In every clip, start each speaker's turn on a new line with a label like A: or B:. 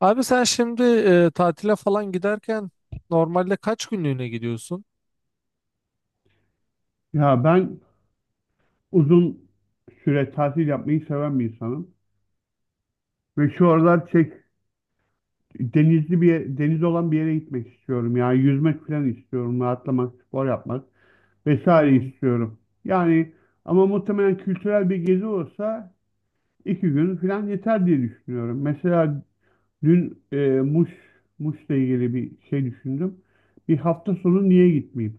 A: Abi sen şimdi tatile falan giderken normalde kaç günlüğüne gidiyorsun?
B: Ya ben uzun süre tatil yapmayı seven bir insanım. Ve şu aralar çek, denizli bir deniz olan bir yere gitmek istiyorum. Yani yüzmek falan istiyorum. Rahatlamak, spor yapmak vesaire
A: Hmm,
B: istiyorum. Yani ama muhtemelen kültürel bir gezi olsa iki gün falan yeter diye düşünüyorum. Mesela dün, Muş, Muş'la ilgili bir şey düşündüm. Bir hafta sonu niye gitmeyeyim?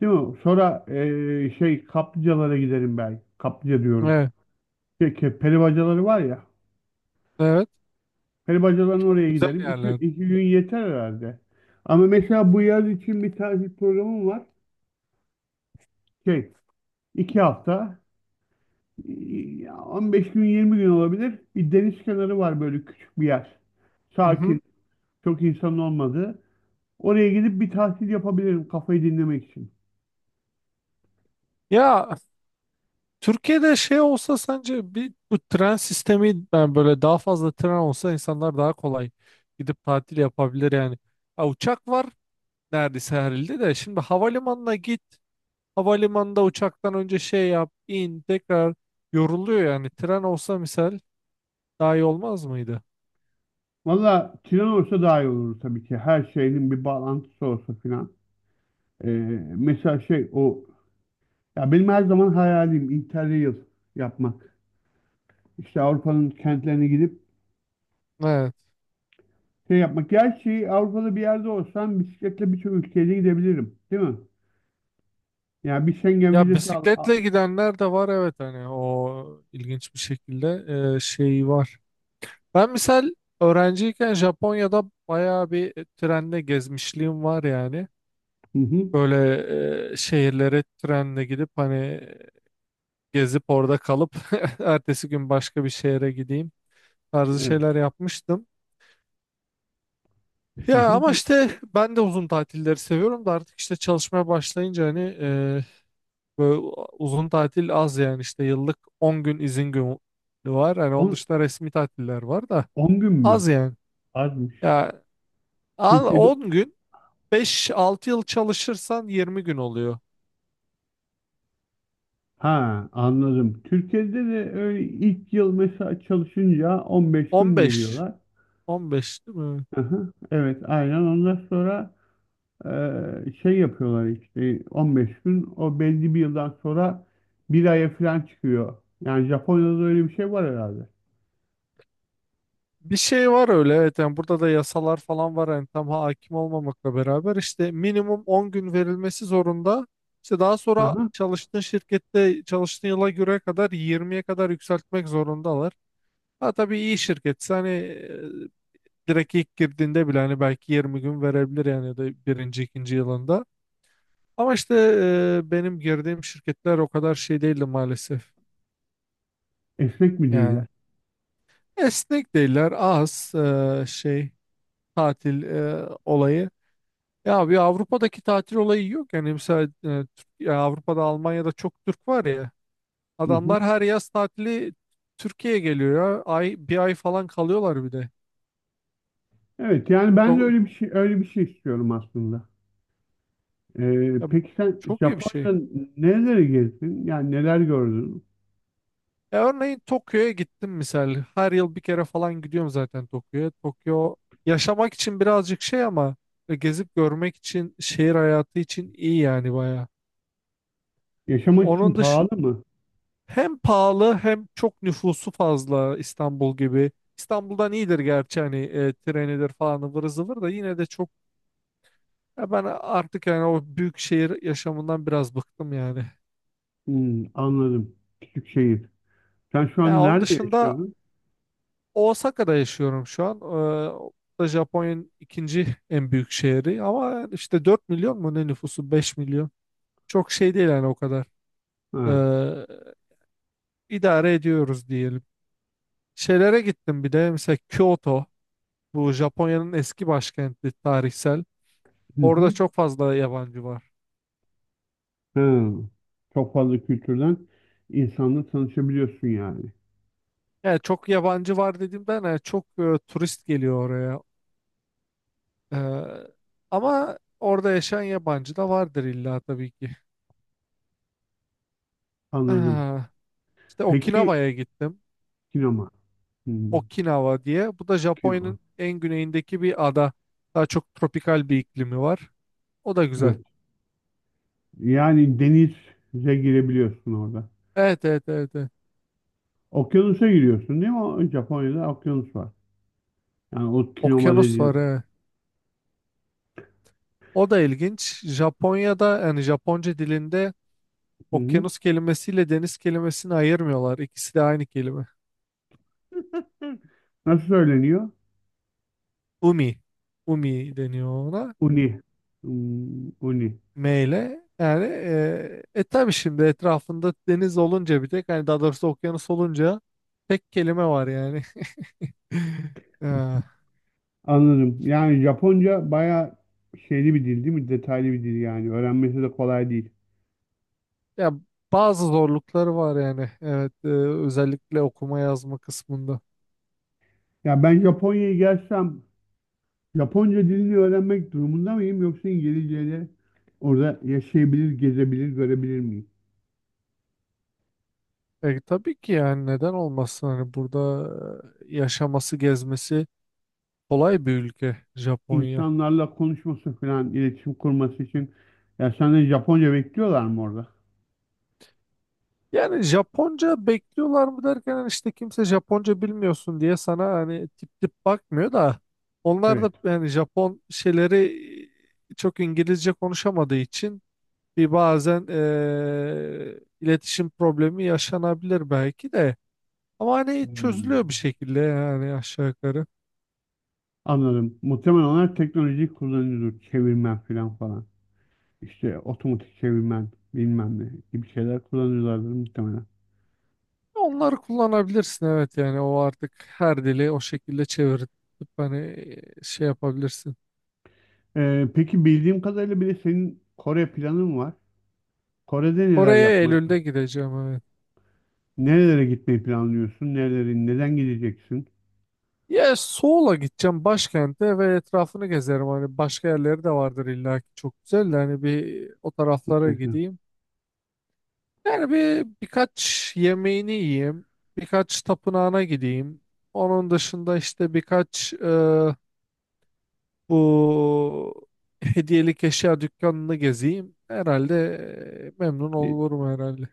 B: Değil mi? Sonra, şey kaplıcalara giderim belki. Kaplıca diyorum.
A: evet,
B: Peki peri bacaları var ya.
A: evet.
B: Peri bacalarının oraya
A: Güzel
B: giderim. İki,
A: yerler.
B: iki gün yeter herhalde. Ama mesela bu yaz için bir tatil programım var. Şey, iki hafta. Ya 15 gün 20 gün olabilir. Bir deniz kenarı var böyle küçük bir yer.
A: Mhm.
B: Sakin. Çok insanın olmadığı. Oraya gidip bir tatil yapabilirim kafayı dinlemek için.
A: Ya Türkiye'de şey olsa sence bir bu tren sistemi, yani böyle daha fazla tren olsa insanlar daha kolay gidip tatil yapabilir yani. Ha, uçak var neredeyse her ilde de, şimdi havalimanına git, havalimanında uçaktan önce şey yap in, tekrar yoruluyor yani. Tren olsa misal daha iyi olmaz mıydı?
B: Valla tren olsa daha iyi olur tabii ki. Her şeyin bir bağlantısı olsa filan. Ee, mesela şey o ya benim her zaman hayalim Interrail yapmak. İşte Avrupa'nın kentlerine gidip
A: Evet.
B: şey yapmak. Gerçi Avrupa'da bir yerde olsam bisikletle birçok ülkeye gidebilirim. Değil mi? Yani bir Schengen
A: Ya
B: vizesi al.
A: bisikletle gidenler de var, evet, hani o ilginç bir şekilde şey var. Ben misal öğrenciyken Japonya'da bayağı bir trenle gezmişliğim var yani.
B: Hı hı.
A: Böyle şehirlere trenle gidip hani gezip orada kalıp ertesi gün başka bir şehre gideyim tarzı
B: Evet.
A: şeyler yapmıştım.
B: Hı
A: Ya ama
B: hı.
A: işte ben de uzun tatilleri seviyorum da artık işte çalışmaya başlayınca hani böyle uzun tatil az, yani işte yıllık 10 gün izin günü var. Hani onun dışında resmi tatiller var da
B: 10 gün mü?
A: az yani.
B: Azmış.
A: Ya al
B: Türkiye'de,
A: 10 gün, 5-6 yıl çalışırsan 20 gün oluyor.
B: ha, anladım. Türkiye'de de öyle ilk yıl mesela çalışınca 15
A: on
B: gün
A: beş
B: veriyorlar.
A: 15 değil mi?
B: Hı hı. Evet, aynen. Ondan sonra şey yapıyorlar işte 15 gün, o belli bir yıldan sonra bir aya falan çıkıyor. Yani Japonya'da da öyle bir şey var herhalde.
A: Bir şey var öyle, evet. Yani burada da yasalar falan var, yani tam hakim olmamakla beraber işte minimum 10 gün verilmesi zorunda. İşte daha sonra
B: Aha.
A: çalıştığın şirkette, çalıştığın yıla göre kadar 20'ye kadar yükseltmek zorundalar. Ha, tabii iyi şirketse hani direkt ilk girdiğinde bile hani belki 20 gün verebilir, yani, ya da birinci, ikinci yılında. Ama işte benim girdiğim şirketler o kadar şey değildi maalesef.
B: Esnek mi değil?
A: Yani esnek değiller, az şey, tatil olayı. Ya bir Avrupa'daki tatil olayı yok, yani mesela ya, Avrupa'da Almanya'da çok Türk var ya,
B: Hı hı.
A: adamlar her yaz tatili Türkiye'ye geliyor ya, ay, bir ay falan kalıyorlar bir de.
B: Evet, yani ben de
A: Çok,
B: öyle bir şey öyle bir şey istiyorum aslında.
A: ya
B: Peki sen
A: çok iyi bir şey.
B: Japonya'da nereleri gezdin? Yani neler gördün?
A: Ya örneğin Tokyo'ya gittim misal. Her yıl bir kere falan gidiyorum zaten Tokyo'ya. Tokyo yaşamak için birazcık şey, ama gezip görmek için, şehir hayatı için iyi yani baya.
B: Yaşamak için
A: Onun dışı
B: pahalı mı?
A: hem pahalı hem çok nüfusu fazla, İstanbul gibi. İstanbul'dan iyidir gerçi hani trenidir falan ıvır zıvır da, yine de çok, ya ben artık yani o büyük şehir yaşamından biraz bıktım yani.
B: Hmm, anladım. Küçük şehir. Sen şu
A: Ya
B: an
A: onun
B: nerede
A: dışında
B: yaşıyorsun?
A: Osaka'da yaşıyorum şu an. O da Japonya'nın ikinci en büyük şehri, ama işte 4 milyon mu ne, nüfusu 5 milyon. Çok şey değil yani o kadar.
B: Ha.
A: Ee, idare ediyoruz diyelim. Şeylere gittim bir de, mesela Kyoto, bu Japonya'nın eski başkenti, tarihsel.
B: Hı
A: Orada
B: hı.
A: çok fazla yabancı var.
B: Ha. Çok fazla kültürden insanla tanışabiliyorsun yani.
A: Yani çok yabancı var dediğimden, yani çok turist geliyor oraya. Ee, Ama orada yaşayan yabancı da vardır illa, tabii ki.
B: Anladım.
A: Ah, işte
B: Peki
A: Okinawa'ya gittim.
B: sinema. Hmm,
A: Okinawa diye. Bu da
B: sinema.
A: Japonya'nın en güneyindeki bir ada. Daha çok tropikal bir iklimi var. O da güzel.
B: Evet. Yani denize girebiliyorsun orada.
A: Evet, evet, evet, evet.
B: Okyanusa giriyorsun değil mi? O Japonya'da okyanus var. Yani o kinoma
A: Okyanus var,
B: dediğin.
A: evet. O da ilginç. Japonya'da, yani Japonca dilinde,
B: Hı hı.
A: okyanus kelimesiyle deniz kelimesini ayırmıyorlar. İkisi de aynı kelime.
B: Hı. Nasıl söyleniyor?
A: Umi. Umi deniyor ona.
B: Uni. Hmm, uni.
A: M ile. Yani tabii şimdi etrafında deniz olunca bir tek, hani daha doğrusu okyanus olunca tek kelime var yani. Ha.
B: Anladım. Yani Japonca bayağı şeyli bir dil değil mi? Detaylı bir dil yani. Öğrenmesi de kolay değil.
A: Ya, bazı zorlukları var yani. Evet, özellikle okuma yazma kısmında.
B: Ya ben Japonya'ya gelsem Japonca dilini öğrenmek durumunda mıyım yoksa İngilizceyle orada yaşayabilir, gezebilir, görebilir miyim?
A: Tabii ki, yani neden olmasın hani, burada yaşaması, gezmesi kolay bir ülke Japonya.
B: İnsanlarla konuşması falan, iletişim kurması için ya senden Japonca bekliyorlar mı orada?
A: Yani Japonca bekliyorlar mı derken, hani işte kimse Japonca bilmiyorsun diye sana hani tip tip bakmıyor da, onlar
B: Evet.
A: da yani Japon şeyleri çok İngilizce konuşamadığı için bir, bazen iletişim problemi yaşanabilir belki de. Ama hani
B: Hmm.
A: çözülüyor bir şekilde yani, aşağı yukarı.
B: Anladım. Muhtemelen onlar teknolojiyi kullanıyordur. Çevirmen falan falan. İşte otomatik çevirmen bilmem ne gibi şeyler kullanıyorlardır muhtemelen.
A: Onları kullanabilirsin, evet. Yani o artık her dili o şekilde çevirip hani şey yapabilirsin.
B: Peki bildiğim kadarıyla bir de senin Kore planın var. Kore'de neler
A: Kore'ye
B: yapmak,
A: Eylül'de gideceğim, evet.
B: nerelere gitmeyi planlıyorsun, nereleri, neden gideceksin?
A: Ya Seoul'a gideceğim, başkente, ve etrafını gezerim hani, başka yerleri de vardır illa ki çok güzel de, hani bir o taraflara
B: Mutlaka.
A: gideyim. Yani bir, birkaç yemeğini yiyeyim, birkaç tapınağına gideyim. Onun dışında işte birkaç bu hediyelik eşya dükkanını gezeyim herhalde. Memnun
B: E,
A: olurum herhalde.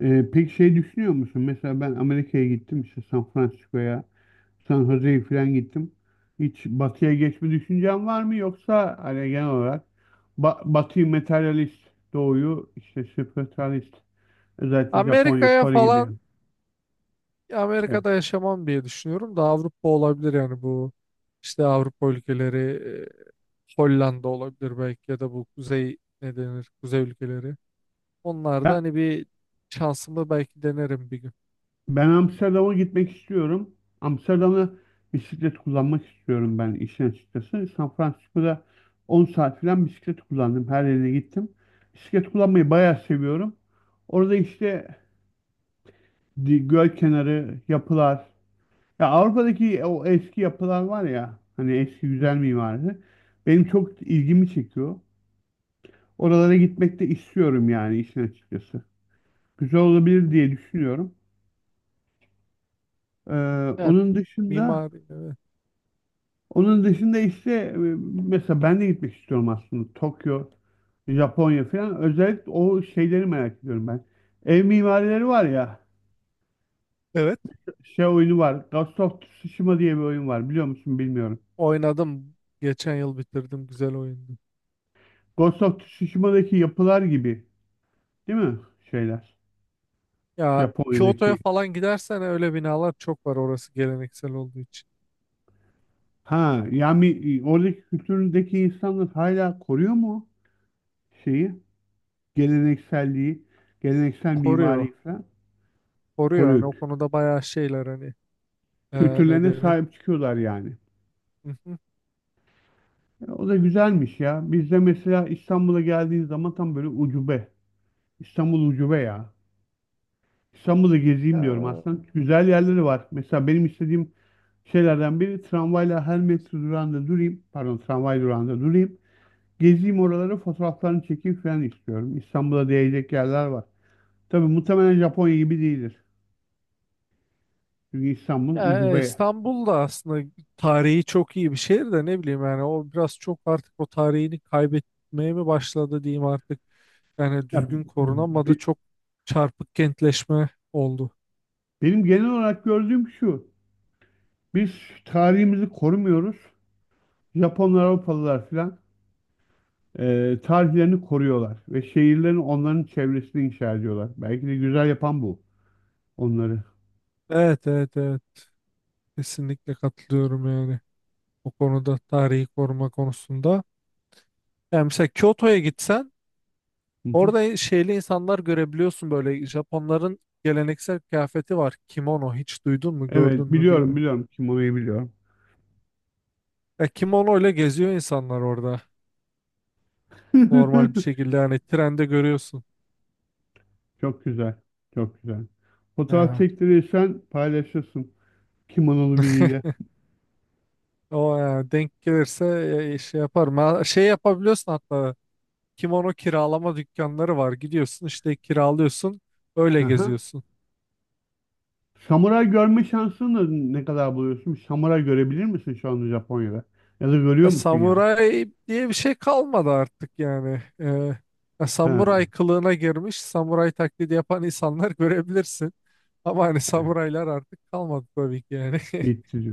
B: peki şey düşünüyor musun? Mesela ben Amerika'ya gittim işte San Francisco'ya, San Jose'ye falan gittim. Hiç batıya geçme düşüncen var mı yoksa hani genel olarak batıyı materyalist, doğuyu işte spiritualist, özellikle Japonya,
A: Amerika'ya
B: Kore gibi
A: falan
B: yani. Evet.
A: Amerika'da yaşamam diye düşünüyorum da, Avrupa olabilir yani, bu işte Avrupa ülkeleri, Hollanda olabilir belki, ya da bu kuzey, ne denir, kuzey ülkeleri. Onlarda
B: Ben,
A: hani bir şansımı belki denerim bir gün.
B: ben Amsterdam'a gitmek istiyorum. Amsterdam'da bisiklet kullanmak istiyorum ben işin açıkçası. San Francisco'da 10 saat falan bisiklet kullandım. Her yerine gittim. Bisiklet kullanmayı bayağı seviyorum. Orada işte göl kenarı, yapılar, ya Avrupa'daki o eski yapılar var ya hani eski
A: Hı
B: güzel
A: hı.
B: mimarisi benim çok ilgimi çekiyor. Oralara gitmek de istiyorum yani işin açıkçası. Güzel olabilir diye düşünüyorum. Ee,
A: Evet,
B: onun dışında
A: mimari, evet.
B: onun dışında işte mesela ben de gitmek istiyorum aslında Tokyo, Japonya falan. Özellikle o şeyleri merak ediyorum ben. Ev mimarileri var ya,
A: Evet,
B: şey oyunu var. Ghost of Tsushima diye bir oyun var, biliyor musun bilmiyorum.
A: oynadım, geçen yıl bitirdim, güzel oyundu.
B: Ghost of Tsushima'daki yapılar gibi değil mi şeyler?
A: Ya Kyoto'ya
B: Japonya'daki.
A: falan gidersen öyle binalar çok var, orası geleneksel olduğu için.
B: Ha yani oradaki kültüründeki insanlar hala koruyor mu şeyi? Gelenekselliği, geleneksel
A: Koruyor.
B: mimariyi falan
A: Koruyor, yani
B: koruyor.
A: o konuda bayağı şeyler hani, ne
B: Kültürlerine
A: denir?
B: sahip çıkıyorlar yani.
A: Hı hı.
B: E, o da güzelmiş ya. Bizde mesela İstanbul'a geldiğin zaman tam böyle ucube. İstanbul ucube ya. İstanbul'u
A: Ya,
B: gezeyim diyorum aslında. Güzel yerleri var. Mesela benim istediğim şeylerden biri tramvayla her metro durağında durayım. Pardon, tramvay durağında durayım. Gezeyim oraları, fotoğraflarını çekeyim falan istiyorum. İstanbul'a değecek yerler var. Tabii muhtemelen Japonya gibi değildir. Çünkü İstanbul
A: ya,
B: ucube.
A: İstanbul da aslında tarihi çok iyi bir şehir de, ne bileyim yani o biraz çok artık o tarihini kaybetmeye mi başladı diyeyim artık. Yani
B: Ya,
A: düzgün korunamadı,
B: be-
A: çok çarpık kentleşme oldu.
B: benim genel olarak gördüğüm şu. Biz tarihimizi korumuyoruz. Japonlar, Avrupalılar falan tarihlerini koruyorlar. Ve şehirlerini, onların çevresini inşa ediyorlar. Belki de güzel yapan bu onları.
A: Evet, evet, evet, kesinlikle katılıyorum yani, o konuda, tarihi koruma konusunda. Yani mesela Kyoto'ya gitsen,
B: Hı hı.
A: orada şeyli insanlar görebiliyorsun, böyle Japonların geleneksel kıyafeti var. Kimono, hiç duydun mu,
B: Evet,
A: gördün mü,
B: biliyorum,
A: bilmiyorum.
B: biliyorum. Kimono'yu biliyorum.
A: Ya kimono ile geziyor insanlar orada. Normal bir şekilde, yani trende görüyorsun.
B: Çok güzel. Çok güzel. Fotoğraf
A: Ha,
B: çektirirsen paylaşırsın. Kimonolu biriyle.
A: O ya, denk gelirse şey yaparım. Ha, Şey yapabiliyorsun hatta, kimono kiralama dükkanları var. Gidiyorsun işte kiralıyorsun, öyle
B: Aha.
A: geziyorsun.
B: Samuray görme şansını da ne kadar buluyorsun? Samuray görebilir misin şu anda Japonya'da? Ya da görüyor
A: Ya,
B: musun yani?
A: samuray diye bir şey kalmadı artık yani. Ya,
B: Ha,
A: samuray kılığına girmiş, samuray taklidi yapan insanlar görebilirsin. Ama hani samuraylar artık kalmadı tabii ki yani.
B: bitti.